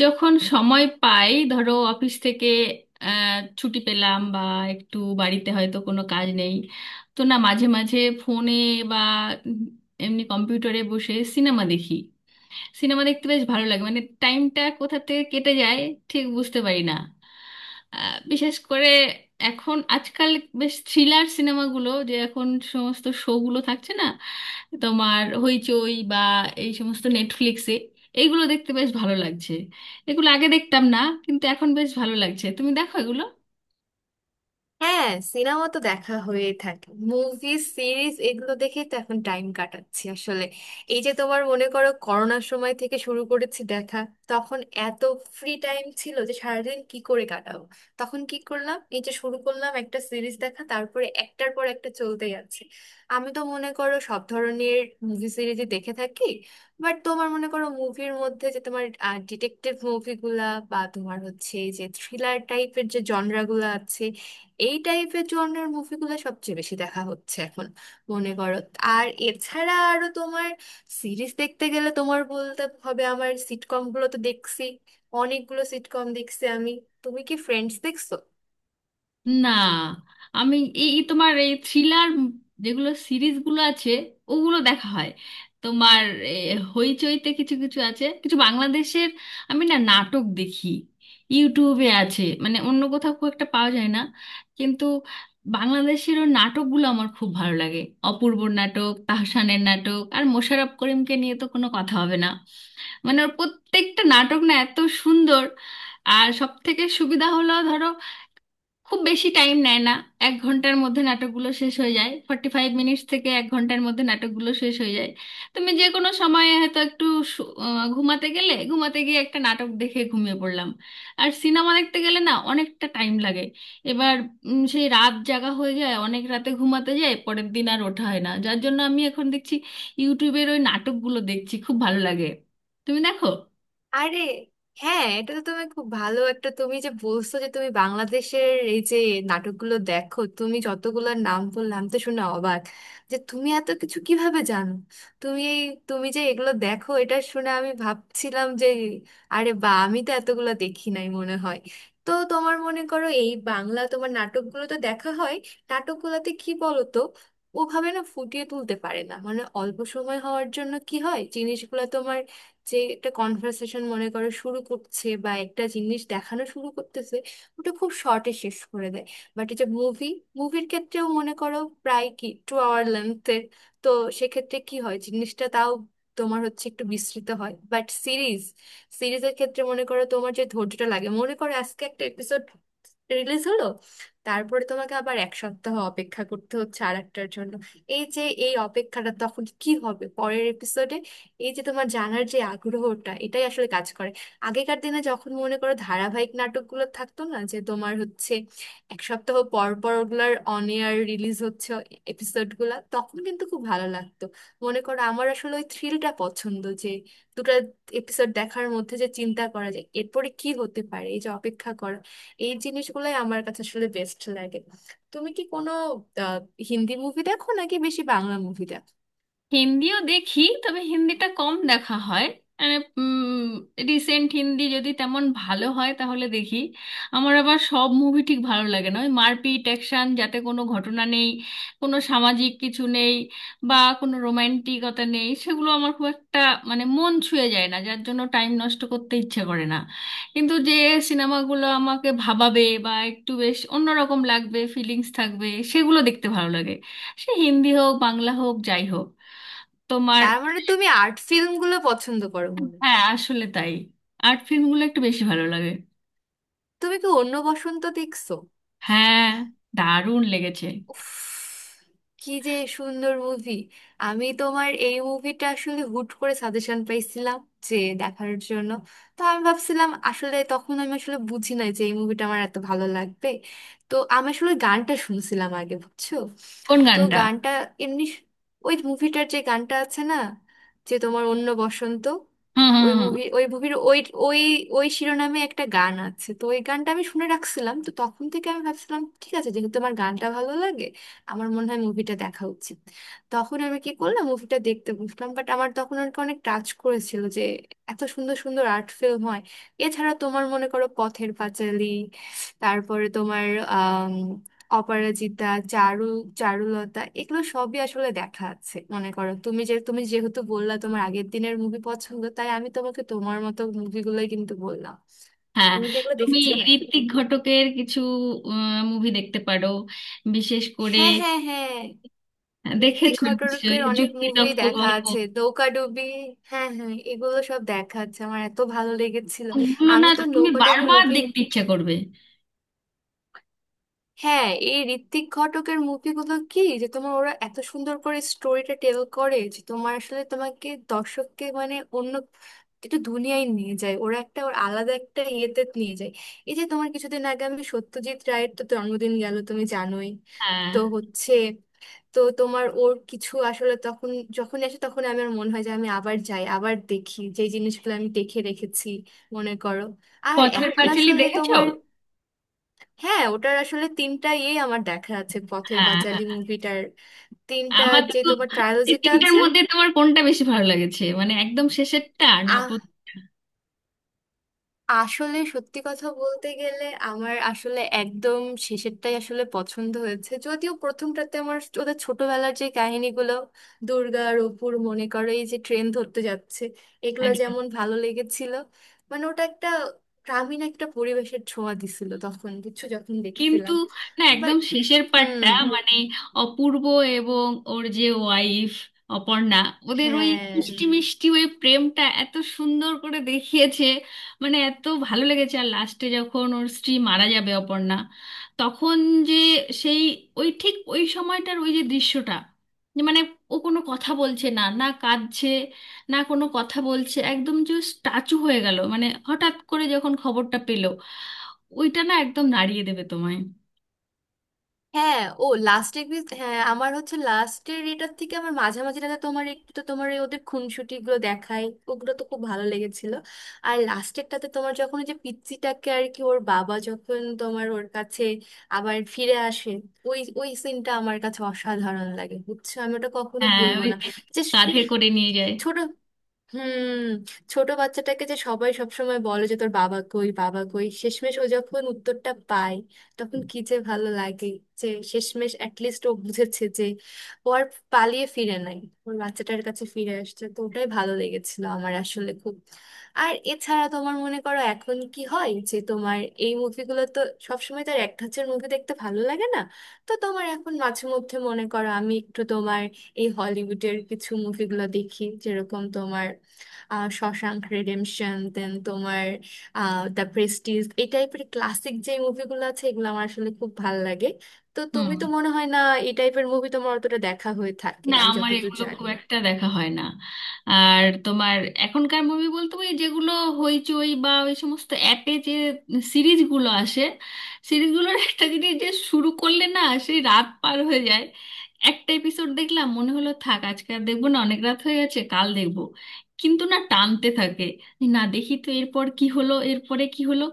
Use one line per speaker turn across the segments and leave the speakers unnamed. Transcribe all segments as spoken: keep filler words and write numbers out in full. যখন সময় পাই ধরো অফিস থেকে আহ, ছুটি পেলাম বা একটু বাড়িতে হয়তো কোনো কাজ নেই। তো না মাঝে মাঝে ফোনে বা এমনি কম্পিউটারে বসে সিনেমা দেখি। সিনেমা দেখতে বেশ ভালো লাগে, মানে টাইমটা কোথা থেকে কেটে যায় ঠিক বুঝতে পারি না। আহ, বিশেষ করে এখন আজকাল বেশ থ্রিলার সিনেমাগুলো যে এখন সমস্ত শোগুলো থাকছে না, তোমার হইচই বা এই সমস্ত নেটফ্লিক্সে, এইগুলো দেখতে বেশ ভালো লাগছে। এগুলো আগে দেখতাম না, কিন্তু এখন বেশ ভালো লাগছে। তুমি দেখো এগুলো।
হ্যাঁ, সিনেমা তো দেখা হয়েই থাকে। মুভি, সিরিজ এগুলো দেখেই তো এখন টাইম কাটাচ্ছি আসলে। এই যে তোমার মনে করো, করোনার সময় থেকে শুরু করেছি দেখা। তখন এত ফ্রি টাইম ছিল যে সারাদিন কি করে কাটাবো। তখন কি করলাম, এই যে শুরু করলাম একটা সিরিজ দেখা, তারপরে একটার পর একটা চলতেই আছে। আমি তো মনে করো সব ধরনের মুভি সিরিজই দেখে থাকি। বাট তোমার মনে করো মুভির মধ্যে যে তোমার ডিটেকটিভ মুভিগুলা বা তোমার হচ্ছে এই যে থ্রিলার টাইপের যে জনরাগুলো আছে, এই টাইপের জনরার মুভিগুলো সবচেয়ে বেশি দেখা হচ্ছে এখন মনে করো। আর এছাড়া আরো তোমার সিরিজ দেখতে গেলে তোমার বলতে হবে, আমার সিটকমগুলো তো দেখছি। অনেকগুলো সিটকম দেখছি আমি। তুমি কি ফ্রেন্ডস দেখছো?
না, আমি এই এই তোমার এই থ্রিলার যেগুলো সিরিজগুলো আছে ওগুলো দেখা হয়। তোমার এ, হইচইতে কিছু কিছু আছে, কিছু বাংলাদেশের। আমি না নাটক দেখি, ইউটিউবে আছে, মানে অন্য কোথাও খুব একটা পাওয়া যায় না। কিন্তু বাংলাদেশের ওর নাটকগুলো আমার খুব ভালো লাগে। অপূর্বর নাটক, তাহসানের নাটক, আর মোশাররফ করিমকে নিয়ে তো কোনো কথা হবে না। মানে ওর প্রত্যেকটা নাটক না এত সুন্দর। আর সব থেকে সুবিধা হলো ধরো খুব বেশি টাইম নেয় না। এক ঘন্টার মধ্যে নাটকগুলো শেষ হয়ে যায়, ফর্টি ফাইভ মিনিটস থেকে এক ঘন্টার মধ্যে নাটকগুলো শেষ হয়ে যায়। তুমি যে কোনো সময় হয়তো একটু শু- আহ, ঘুমাতে গেলে ঘুমাতে গিয়ে একটা নাটক দেখে ঘুমিয়ে পড়লাম। আর সিনেমা দেখতে গেলে না অনেকটা টাইম লাগে। এবার উম, সেই রাত জাগা হয়ে যায়, অনেক রাতে ঘুমাতে যায়, পরের দিন আর ওঠা হয় না, যার জন্য আমি এখন দেখছি ইউটিউবের ওই নাটকগুলো দেখছি, খুব ভালো লাগে। তুমি দেখো।
আরে হ্যাঁ, এটা তো তুমি খুব ভালো একটা, তুমি যে বলছো যে তুমি বাংলাদেশের এই যে নাটকগুলো দেখো, তুমি যতগুলোর নাম বললাম আমি তো শুনে অবাক যে তুমি এত কিছু কিভাবে জানো। তুমি এই, তুমি যে এগুলো দেখো এটা শুনে আমি ভাবছিলাম যে আরে বা, আমি তো এতগুলো দেখি নাই মনে হয়। তো তোমার মনে করো এই বাংলা তোমার নাটকগুলো তো দেখা হয়, নাটকগুলোতে কি বলো তো, ওভাবে না ফুটিয়ে তুলতে পারে না মানে অল্প সময় হওয়ার জন্য। কি হয় জিনিসগুলো যে একটা কনভারসেশন মনে করো শুরু করছে বা একটা জিনিস দেখানো শুরু করতেছে, ওটা খুব শর্টে শেষ করে দেয়। বাট এই যে মুভি, মুভির ক্ষেত্রেও মনে করো প্রায় কি টু আওয়ার লেন্থের, তো সেক্ষেত্রে কি হয় জিনিসটা তাও তোমার হচ্ছে একটু বিস্তৃত হয়। বাট সিরিজ, সিরিজের ক্ষেত্রে মনে করো তোমার যে ধৈর্যটা লাগে, মনে করো আজকে একটা এপিসোড রিলিজ হলো, তারপরে তোমাকে আবার এক সপ্তাহ অপেক্ষা করতে হচ্ছে আর একটার জন্য। এই যে এই অপেক্ষাটা, তখন কি হবে পরের এপিসোডে, এই যে তোমার জানার যে আগ্রহটা, এটাই আসলে কাজ করে। আগেকার দিনে যখন মনে করো ধারাবাহিক নাটকগুলো থাকতো না, যে তোমার হচ্ছে এক সপ্তাহ পর পর ওগুলার অন এয়ার রিলিজ হচ্ছে এপিসোডগুলা, তখন কিন্তু খুব ভালো লাগতো। মনে করো আমার আসলে ওই থ্রিলটা পছন্দ যে দুটো এপিসোড দেখার মধ্যে যে চিন্তা করা যায় এরপরে কি হতে পারে, এই যে অপেক্ষা করা, এই জিনিসগুলোই আমার কাছে আসলে বেস্ট লাগে। তুমি কি কোনো আহ, হিন্দি মুভি দেখো নাকি বেশি বাংলা মুভি দেখো?
হিন্দিও দেখি, তবে হিন্দিটা কম দেখা হয়। রিসেন্ট হিন্দি যদি তেমন ভালো হয় তাহলে দেখি। আমার আবার সব মুভি ঠিক ভালো লাগে না। ওই মারপিট অ্যাকশন যাতে কোনো ঘটনা নেই, কোনো সামাজিক কিছু নেই, বা কোনো রোম্যান্টিকতা নেই, সেগুলো আমার খুব একটা মানে মন ছুঁয়ে যায় না, যার জন্য টাইম নষ্ট করতে ইচ্ছে করে না। কিন্তু যে সিনেমাগুলো আমাকে ভাবাবে বা একটু বেশ অন্যরকম লাগবে, ফিলিংস থাকবে, সেগুলো দেখতে ভালো লাগে। সে হিন্দি হোক, বাংলা হোক, যাই হোক তোমার।
তার মানে তুমি আর্ট ফিল্মগুলো পছন্দ করো মনে
হ্যাঁ,
হয়।
আসলে তাই, আর্ট ফিল্মগুলো একটু বেশি ভালো লাগে।
তুমি কি অন্য বসন্ত দেখছো?
হ্যাঁ, দারুণ লেগেছে।
উফ, কি যে সুন্দর মুভি। আমি তোমার এই মুভিটা আসলে হুট করে সাজেশন পাইছিলাম যে দেখার জন্য। তো আমি ভাবছিলাম আসলে, তখন আমি আসলে বুঝি নাই যে এই মুভিটা আমার এত ভালো লাগবে। তো আমি আসলে গানটা শুনছিলাম আগে, বুঝছো?
কোন
তো
গানটা?
গানটা এমনি স- ওই মুভিটার যে গানটা আছে না, যে তোমার অন্য বসন্ত,
হুম হুম
ওই
হুম।
মুভি ওই মুভির ওই ওই ওই শিরোনামে একটা গান আছে, তো ওই গানটা আমি শুনে রাখছিলাম। তো তখন থেকে আমি ভাবছিলাম ঠিক আছে, যেহেতু আমার গানটা ভালো লাগে আমার মনে হয় মুভিটা দেখা উচিত। তখন আমি কি করলাম, মুভিটা দেখতে বসলাম, বাট আমার তখন আর কি অনেক টাচ করেছিল যে এত সুন্দর সুন্দর আর্ট ফিল্ম হয়। এছাড়া তোমার মনে করো পথের পাঁচালী, তারপরে তোমার অপরাজিতা, চারু চারুলতা, এগুলো সবই আসলে দেখা আছে মনে করো। তুমি যে, তুমি যেহেতু বললা তোমার আগের দিনের মুভি পছন্দ, তাই আমি তোমাকে তোমার মতো মুভিগুলোই কিন্তু বললাম।
হ্যাঁ।
তুমি কি এগুলো
তুমি
দেখেছো নাকি?
ঋত্বিক ঘটকের কিছু মুভি দেখতে পারো, বিশেষ করে
হ্যাঁ হ্যাঁ হ্যাঁ, ঋত্বিক
দেখেছো
ঘটকের
নিশ্চয়ই
অনেক মুভি
যুক্তিতক্ক
দেখা
গল্প।
আছে, নৌকাডুবি, হ্যাঁ হ্যাঁ, এগুলো সব দেখা আছে আমার, এত ভালো লেগেছিল।
ওগুলো না
আমি তো
তুমি
নৌকাডুবি
বারবার
মুভি,
দেখতে ইচ্ছা করবে।
হ্যাঁ, এই ঋত্বিক ঘটকের মুভিগুলো কি যে, তোমার ওরা এত সুন্দর করে স্টোরিটা টেল করে যে তোমার আসলে তোমাকে, দর্শককে, মানে অন্য একটা দুনিয়ায় নিয়ে যায় ওরা, একটা ওর আলাদা একটা ইয়েতে নিয়ে যায়। এই যে তোমার কিছুদিন আগে আমি, সত্যজিৎ রায়ের তো জন্মদিন গেল, তুমি জানোই।
হ্যাঁ।
তো হচ্ছে, তো তোমার ওর কিছু আসলে তখন, যখন আসে তখন আমার মনে হয় যে আমি আবার যাই আবার দেখি যে জিনিসগুলো আমি দেখে রেখেছি মনে করো। আর
পথের
এখন
পাঁচালী
আসলে
দেখেছো?
তোমার, হ্যাঁ ওটার আসলে তিনটা ইয়ে আমার দেখা আছে, পথের
হ্যাঁ
পাঁচালী
হ্যাঁ।
মুভিটার তিনটা,
আমার
যে
তো
তোমার
এই
ট্রায়োলজিটা
তিনটার
আছে।
মধ্যে তোমার কোনটা বেশি ভালো লেগেছে, মানে একদম শেষেরটা না
আহ
প্রথমটা?
আসলে সত্যি কথা বলতে গেলে আমার আসলে একদম শেষেরটাই আসলে পছন্দ হয়েছে, যদিও প্রথমটাতে আমার ওদের ছোটবেলার যে কাহিনীগুলো, দুর্গা আর অপুর মনে করো এই যে ট্রেন ধরতে যাচ্ছে, এগুলো
একদম।
যেমন ভালো লেগেছিল। মানে ওটা একটা গ্রামীণ একটা পরিবেশের ছোঁয়া দিছিল তখন, কিছু যখন
কিন্তু
দেখছিলাম।
না, একদম
বাট,
শেষের
হুম,
পার্টটা, মানে অপূর্ব এবং ওর যে ওয়াইফ অপর্ণা, ওদের ওই
হ্যাঁ
মিষ্টি মিষ্টি ওই প্রেমটা এত সুন্দর করে দেখিয়েছে, মানে এত ভালো লেগেছে। আর লাস্টে যখন ওর স্ত্রী মারা যাবে, অপর্ণা, তখন যে সেই ওই ঠিক ওই সময়টার ওই যে দৃশ্যটা, যে মানে ও কোনো কথা বলছে না, না কাঁদছে, না কোনো কথা বলছে, একদম যে স্ট্যাচু হয়ে গেল, মানে হঠাৎ করে যখন খবরটা পেলো, ওইটা না একদম নাড়িয়ে দেবে তোমায়।
হ্যাঁ, ও লাস্ট এর, হ্যাঁ আমার হচ্ছে লাস্টের এটার থেকে আমার মাঝামাঝিটাতে তোমার একটু, তো তোমার এই ওদের খুনসুটি গুলো দেখায় ওগুলো তো খুব ভালো লেগেছিল। আর লাস্টেরটাতে তোমার যখন ওই যে পিচ্চিটাকে আর কি, ওর বাবা যখন তোমার ওর কাছে আবার ফিরে আসে, ওই ওই সিনটা আমার কাছে অসাধারণ লাগে, বুঝছো, আমি ওটা কখনো
হ্যাঁ,
ভুলবো
ওই
না।
যে
যে
কাঁধে করে নিয়ে যায়।
ছোট, হুম, ছোট বাচ্চাটাকে যে সবাই সবসময় বলে যে তোর বাবা কই বাবা কই, শেষমেশ ও যখন উত্তরটা পায় তখন কি যে ভালো লাগে। যে শেষমেশ অ্যাটলিস্ট ও বুঝেছে যে ও আর পালিয়ে ফিরে নাই, ওর বাচ্চাটার কাছে ফিরে আসছে, তো ওটাই ভালো লেগেছিল আমার আসলে খুব। আর এছাড়া তোমার মনে করো এখন কি হয় যে তোমার এই মুভিগুলো তো, সবসময় তার এক ধাঁচের মুভি দেখতে ভালো লাগে না। তো তোমার এখন মাঝে মধ্যে মনে করো আমি একটু তোমার এই হলিউডের কিছু মুভিগুলো দেখি, যেরকম তোমার আহ শশাঙ্ক রিডেমশন, দেন তোমার আহ দ্য প্রেস্টিজ, এই টাইপের ক্লাসিক যে মুভিগুলো আছে এগুলো আমার আসলে খুব ভাল লাগে। তো
হুম।
তুমি তো মনে হয় না এই টাইপের মুভি তোমার অতটা দেখা হয়ে থাকে
না,
আমি
আমার
যতদূর
এগুলো
জানি।
খুব একটা দেখা হয় না। আর তোমার এখনকার মুভি বলতে ওই যেগুলো হইচই বা ওই সমস্ত অ্যাপে যে সিরিজগুলো আসে, সিরিজগুলোর একটা জিনিস যে শুরু করলে না সেই রাত পার হয়ে যায়। একটা এপিসোড দেখলাম, মনে হলো থাক আজকে আর দেখবো না, অনেক রাত হয়ে গেছে, কাল দেখবো। কিন্তু না, টানতে থাকে, না দেখি তো এরপর কি হলো, এরপরে কি হলো।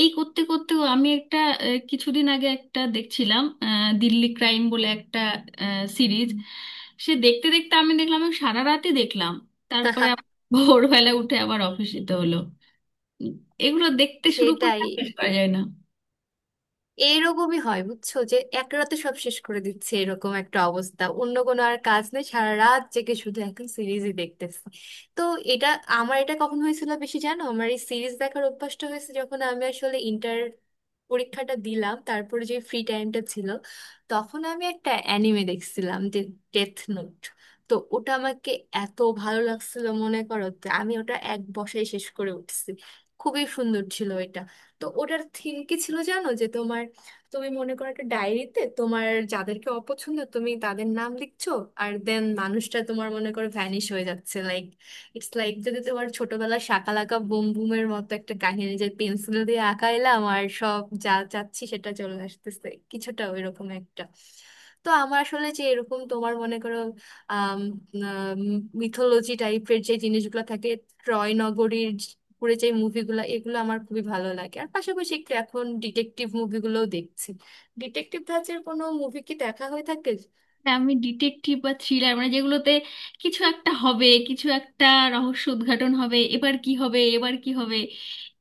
এই করতে করতেও আমি একটা আহ, কিছুদিন আগে একটা দেখছিলাম, আহ, দিল্লি ক্রাইম বলে একটা সিরিজ। সে দেখতে দেখতে আমি দেখলাম আমি সারা রাতই দেখলাম। তারপরে আবার ভোরবেলা উঠে আবার অফিস যেতে হলো। উম, এগুলো দেখতে শুরু করলে
সেটাই,
আর শেষ করা যায় না।
এইরকমই হয় বুঝছো, যে এক রাতে সব শেষ করে দিচ্ছে, এরকম একটা অবস্থা, অন্য কোনো আর কাজ নেই, সারা রাত জেগে শুধু এখন সিরিজই দেখতেছি। তো এটা, আমার এটা কখন হয়েছিল বেশি জানো, আমার এই সিরিজ দেখার অভ্যাসটা হয়েছে যখন আমি আসলে ইন্টার পরীক্ষাটা দিলাম, তারপরে যে ফ্রি টাইমটা ছিল তখন আমি একটা অ্যানিমে দেখছিলাম যে ডেথ নোট। তো ওটা আমাকে এত ভালো লাগছিল মনে করো, যে আমি ওটা এক বসায় শেষ করে উঠছি। খুবই সুন্দর ছিল এটা। তো ওটার থিম কি ছিল জানো, যে তোমার তুমি মনে করো একটা ডায়েরিতে তোমার যাদেরকে অপছন্দ তুমি তাদের নাম লিখছো, আর দেন মানুষটা তোমার মনে করো ভ্যানিশ হয়ে যাচ্ছে, লাইক ইটস লাইক যদি তোমার ছোটবেলার শাকালাকা বুম বুমের মতো একটা কাহিনী যে পেন্সিল দিয়ে আঁকাইলাম আর সব যা চাচ্ছি সেটা চলে আসতেছে, কিছুটা ওইরকম একটা। তো আমার আসলে যে এরকম তোমার মনে করো আহ মিথোলজি টাইপের যে জিনিসগুলো থাকে, ট্রয় নগরীর উপরে যে মুভিগুলো, এগুলো আমার খুবই ভালো লাগে। আর পাশাপাশি একটু এখন ডিটেকটিভ মুভিগুলোও দেখছি। ডিটেকটিভ ধাঁচের কোনো মুভি কি দেখা হয়ে থাকে?
না, আমি ডিটেকটিভ বা থ্রিলার, মানে যেগুলোতে কিছু একটা হবে, কিছু একটা রহস্য উদ্ঘাটন হবে, এবার কি হবে এবার কি হবে,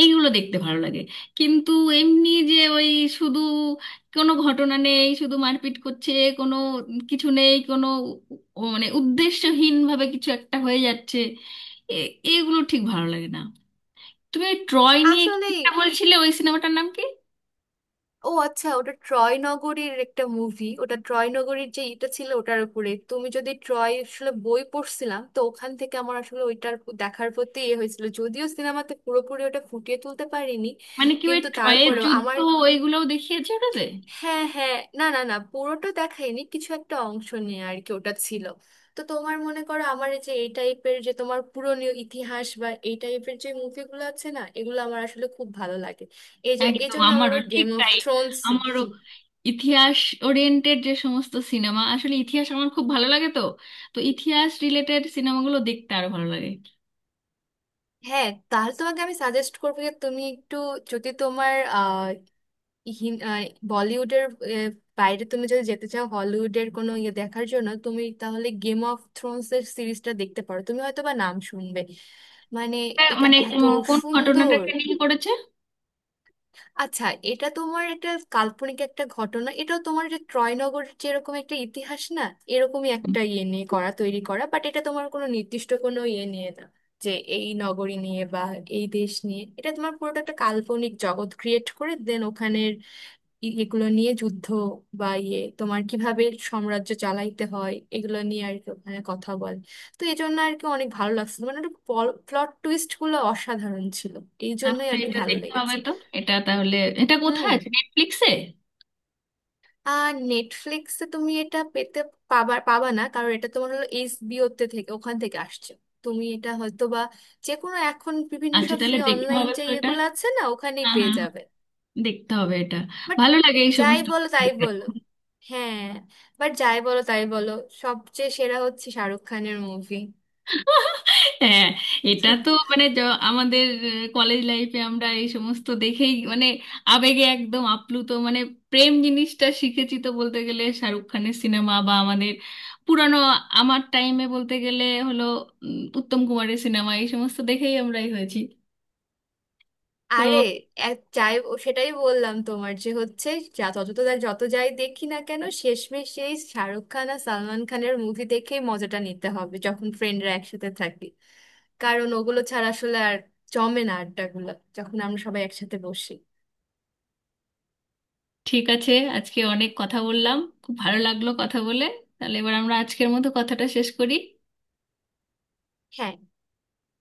এইগুলো দেখতে ভালো লাগে। কিন্তু এমনি যে ওই শুধু কোনো ঘটনা নেই, শুধু মারপিট করছে, কোনো কিছু নেই, কোনো উ- মানে উদ্দেশ্যহীনভাবে কিছু একটা হয়ে যাচ্ছে, এ- এগুলো ঠিক ভালো লাগে না। তুমি ওই ট্রয় নিয়ে কি
আসলে,
একটা বলছিলে, ওই সিনেমাটার নাম কি?
ও আচ্ছা, ওটা ট্রয় নগরীর একটা মুভি, ওটা ট্রয় নগরীর যে এটা ছিল ওটার উপরে। তুমি যদি ট্রয় আসলে, বই পড়ছিলাম তো ওখান থেকে আমার আসলে ওইটার প- দেখার প্রতি ইয়ে হয়েছিল, যদিও সিনেমাতে পুরোপুরি ওটা ফুটিয়ে তুলতে পারিনি।
মানে কি ওই
কিন্তু
ট্রয়ের
তারপরেও
যুদ্ধ
আমার,
ওইগুলোও দেখিয়েছে ওটাতে?
হ্যাঁ হ্যাঁ, না না না, পুরোটা দেখাইনি, কিছু একটা অংশ নিয়ে আর কি ওটা ছিল। তো তোমার মনে করো আমার এই যে এই টাইপের যে তোমার পুরনো ইতিহাস বা এই টাইপের যে মুভিগুলো আছে না, এগুলো আমার আসলে খুব ভালো লাগে। এই যে এই
একদম
জন্য আমার
আমারও
আবার
ঠিক
গেম অফ
তাই।
থ্রোনস,
আমারও ইতিহাস ওরিয়েন্টেড যে সমস্ত সিনেমা, আসলে ইতিহাস আমার খুব ভালো লাগে তো, তো ইতিহাস রিলেটেড সিনেমাগুলো দেখতে আরো ভালো লাগে।
হ্যাঁ তাহলে তোমাকে আমি সাজেস্ট করবো যে তুমি একটু, যদি তোমার হিন- আহ, বলিউডের আহ, বাইরে তুমি যদি যেতে চাও হলিউডের কোনো ইয়ে দেখার জন্য, তুমি তাহলে গেম অফ থ্রোনস এর সিরিজটা দেখতে পারো, তুমি হয়তো বা নাম শুনবে। মানে
তা
এটা
মানে
এত
কো- কোন
সুন্দর।
ঘটনাটাকে নিয়ে করেছে?
আচ্ছা, এটা তোমার একটা কাল্পনিক একটা ঘটনা, এটাও তোমার যে ট্রয়নগরের যেরকম একটা ইতিহাস না, এরকমই একটা ইয়ে নিয়ে করা, তৈরি করা। বাট এটা তোমার কোনো নির্দিষ্ট কোনো ইয়ে নিয়ে না, যে এই নগরী নিয়ে বা এই দেশ নিয়ে, এটা তোমার পুরোটা একটা কাল্পনিক জগৎ ক্রিয়েট করে, দেন ওখানে এ- এগুলো নিয়ে যুদ্ধ বা ইয়ে, তোমার কিভাবে সাম্রাজ্য চালাইতে হয় এগুলো নিয়ে আর কি ওখানে কথা বলে। তো এই জন্য আর কি অনেক ভালো লাগছিল, মানে একটু প্লট টুইস্ট গুলো অসাধারণ ছিল, এই জন্যই
তাহলে
আর কি
এটা
ভালো
দেখতে হবে
লেগেছে।
তো। এটা তাহলে এটা কোথায়
হুম,
আছে, নেটফ্লিক্সে?
আর নেটফ্লিক্সে তুমি এটা পেতে, পাবা পাবা না, কারণ এটা তোমার হলো এইচবিও তে, থেকে ওখান থেকে আসছে। তুমি এটা হয়তো বা যে কোনো এখন বিভিন্ন
আচ্ছা,
সব ফ্রি
তাহলে দেখতে
অনলাইন
হবে
যে
তো এটা।
ইয়েগুলো আছে না, ওখানেই
হ্যাঁ
পেয়ে
হ্যাঁ হ্যাঁ,
যাবে।
দেখতে হবে এটা।
বাট
ভালো লাগে এই
যাই
সমস্ত
বলো তাই
দেখতে।
বলো, হ্যাঁ, বাট যাই বলো তাই বলো, সবচেয়ে সেরা হচ্ছে শাহরুখ খানের মুভি।
হ্যাঁ, এটা তো মানে য- আমাদের কলেজ লাইফে আমরা এই সমস্ত দেখেই মানে আবেগে একদম আপ্লুত, মানে প্রেম জিনিসটা শিখেছি তো বলতে গেলে শাহরুখ খানের সিনেমা বা আমাদের পুরানো, আমার টাইমে বলতে গেলে হলো উম, উত্তম কুমারের সিনেমা, এই সমস্ত দেখেই আমরাই হয়েছি তো।
আরে, এক যাই ও- সেটাই বললাম তোমার, যে হচ্ছে যা যত যত যত যাই দেখি না কেন, শেষমেশ সেই শাহরুখ খান আর সালমান খানের মুভি দেখেই মজাটা নিতে হবে যখন ফ্রেন্ডরা একসাথে থাকি, কারণ ওগুলো ছাড়া আসলে আর জমে না আড্ডাগুলো যখন আমরা সবাই একসাথে বসি।
ঠিক আছে, আজকে অনেক কথা বললাম। খুব ভালো লাগলো কথা বলে। তাহলে এবার আমরা আজকের মতো কথাটা শেষ করি।
হ্যাঁ।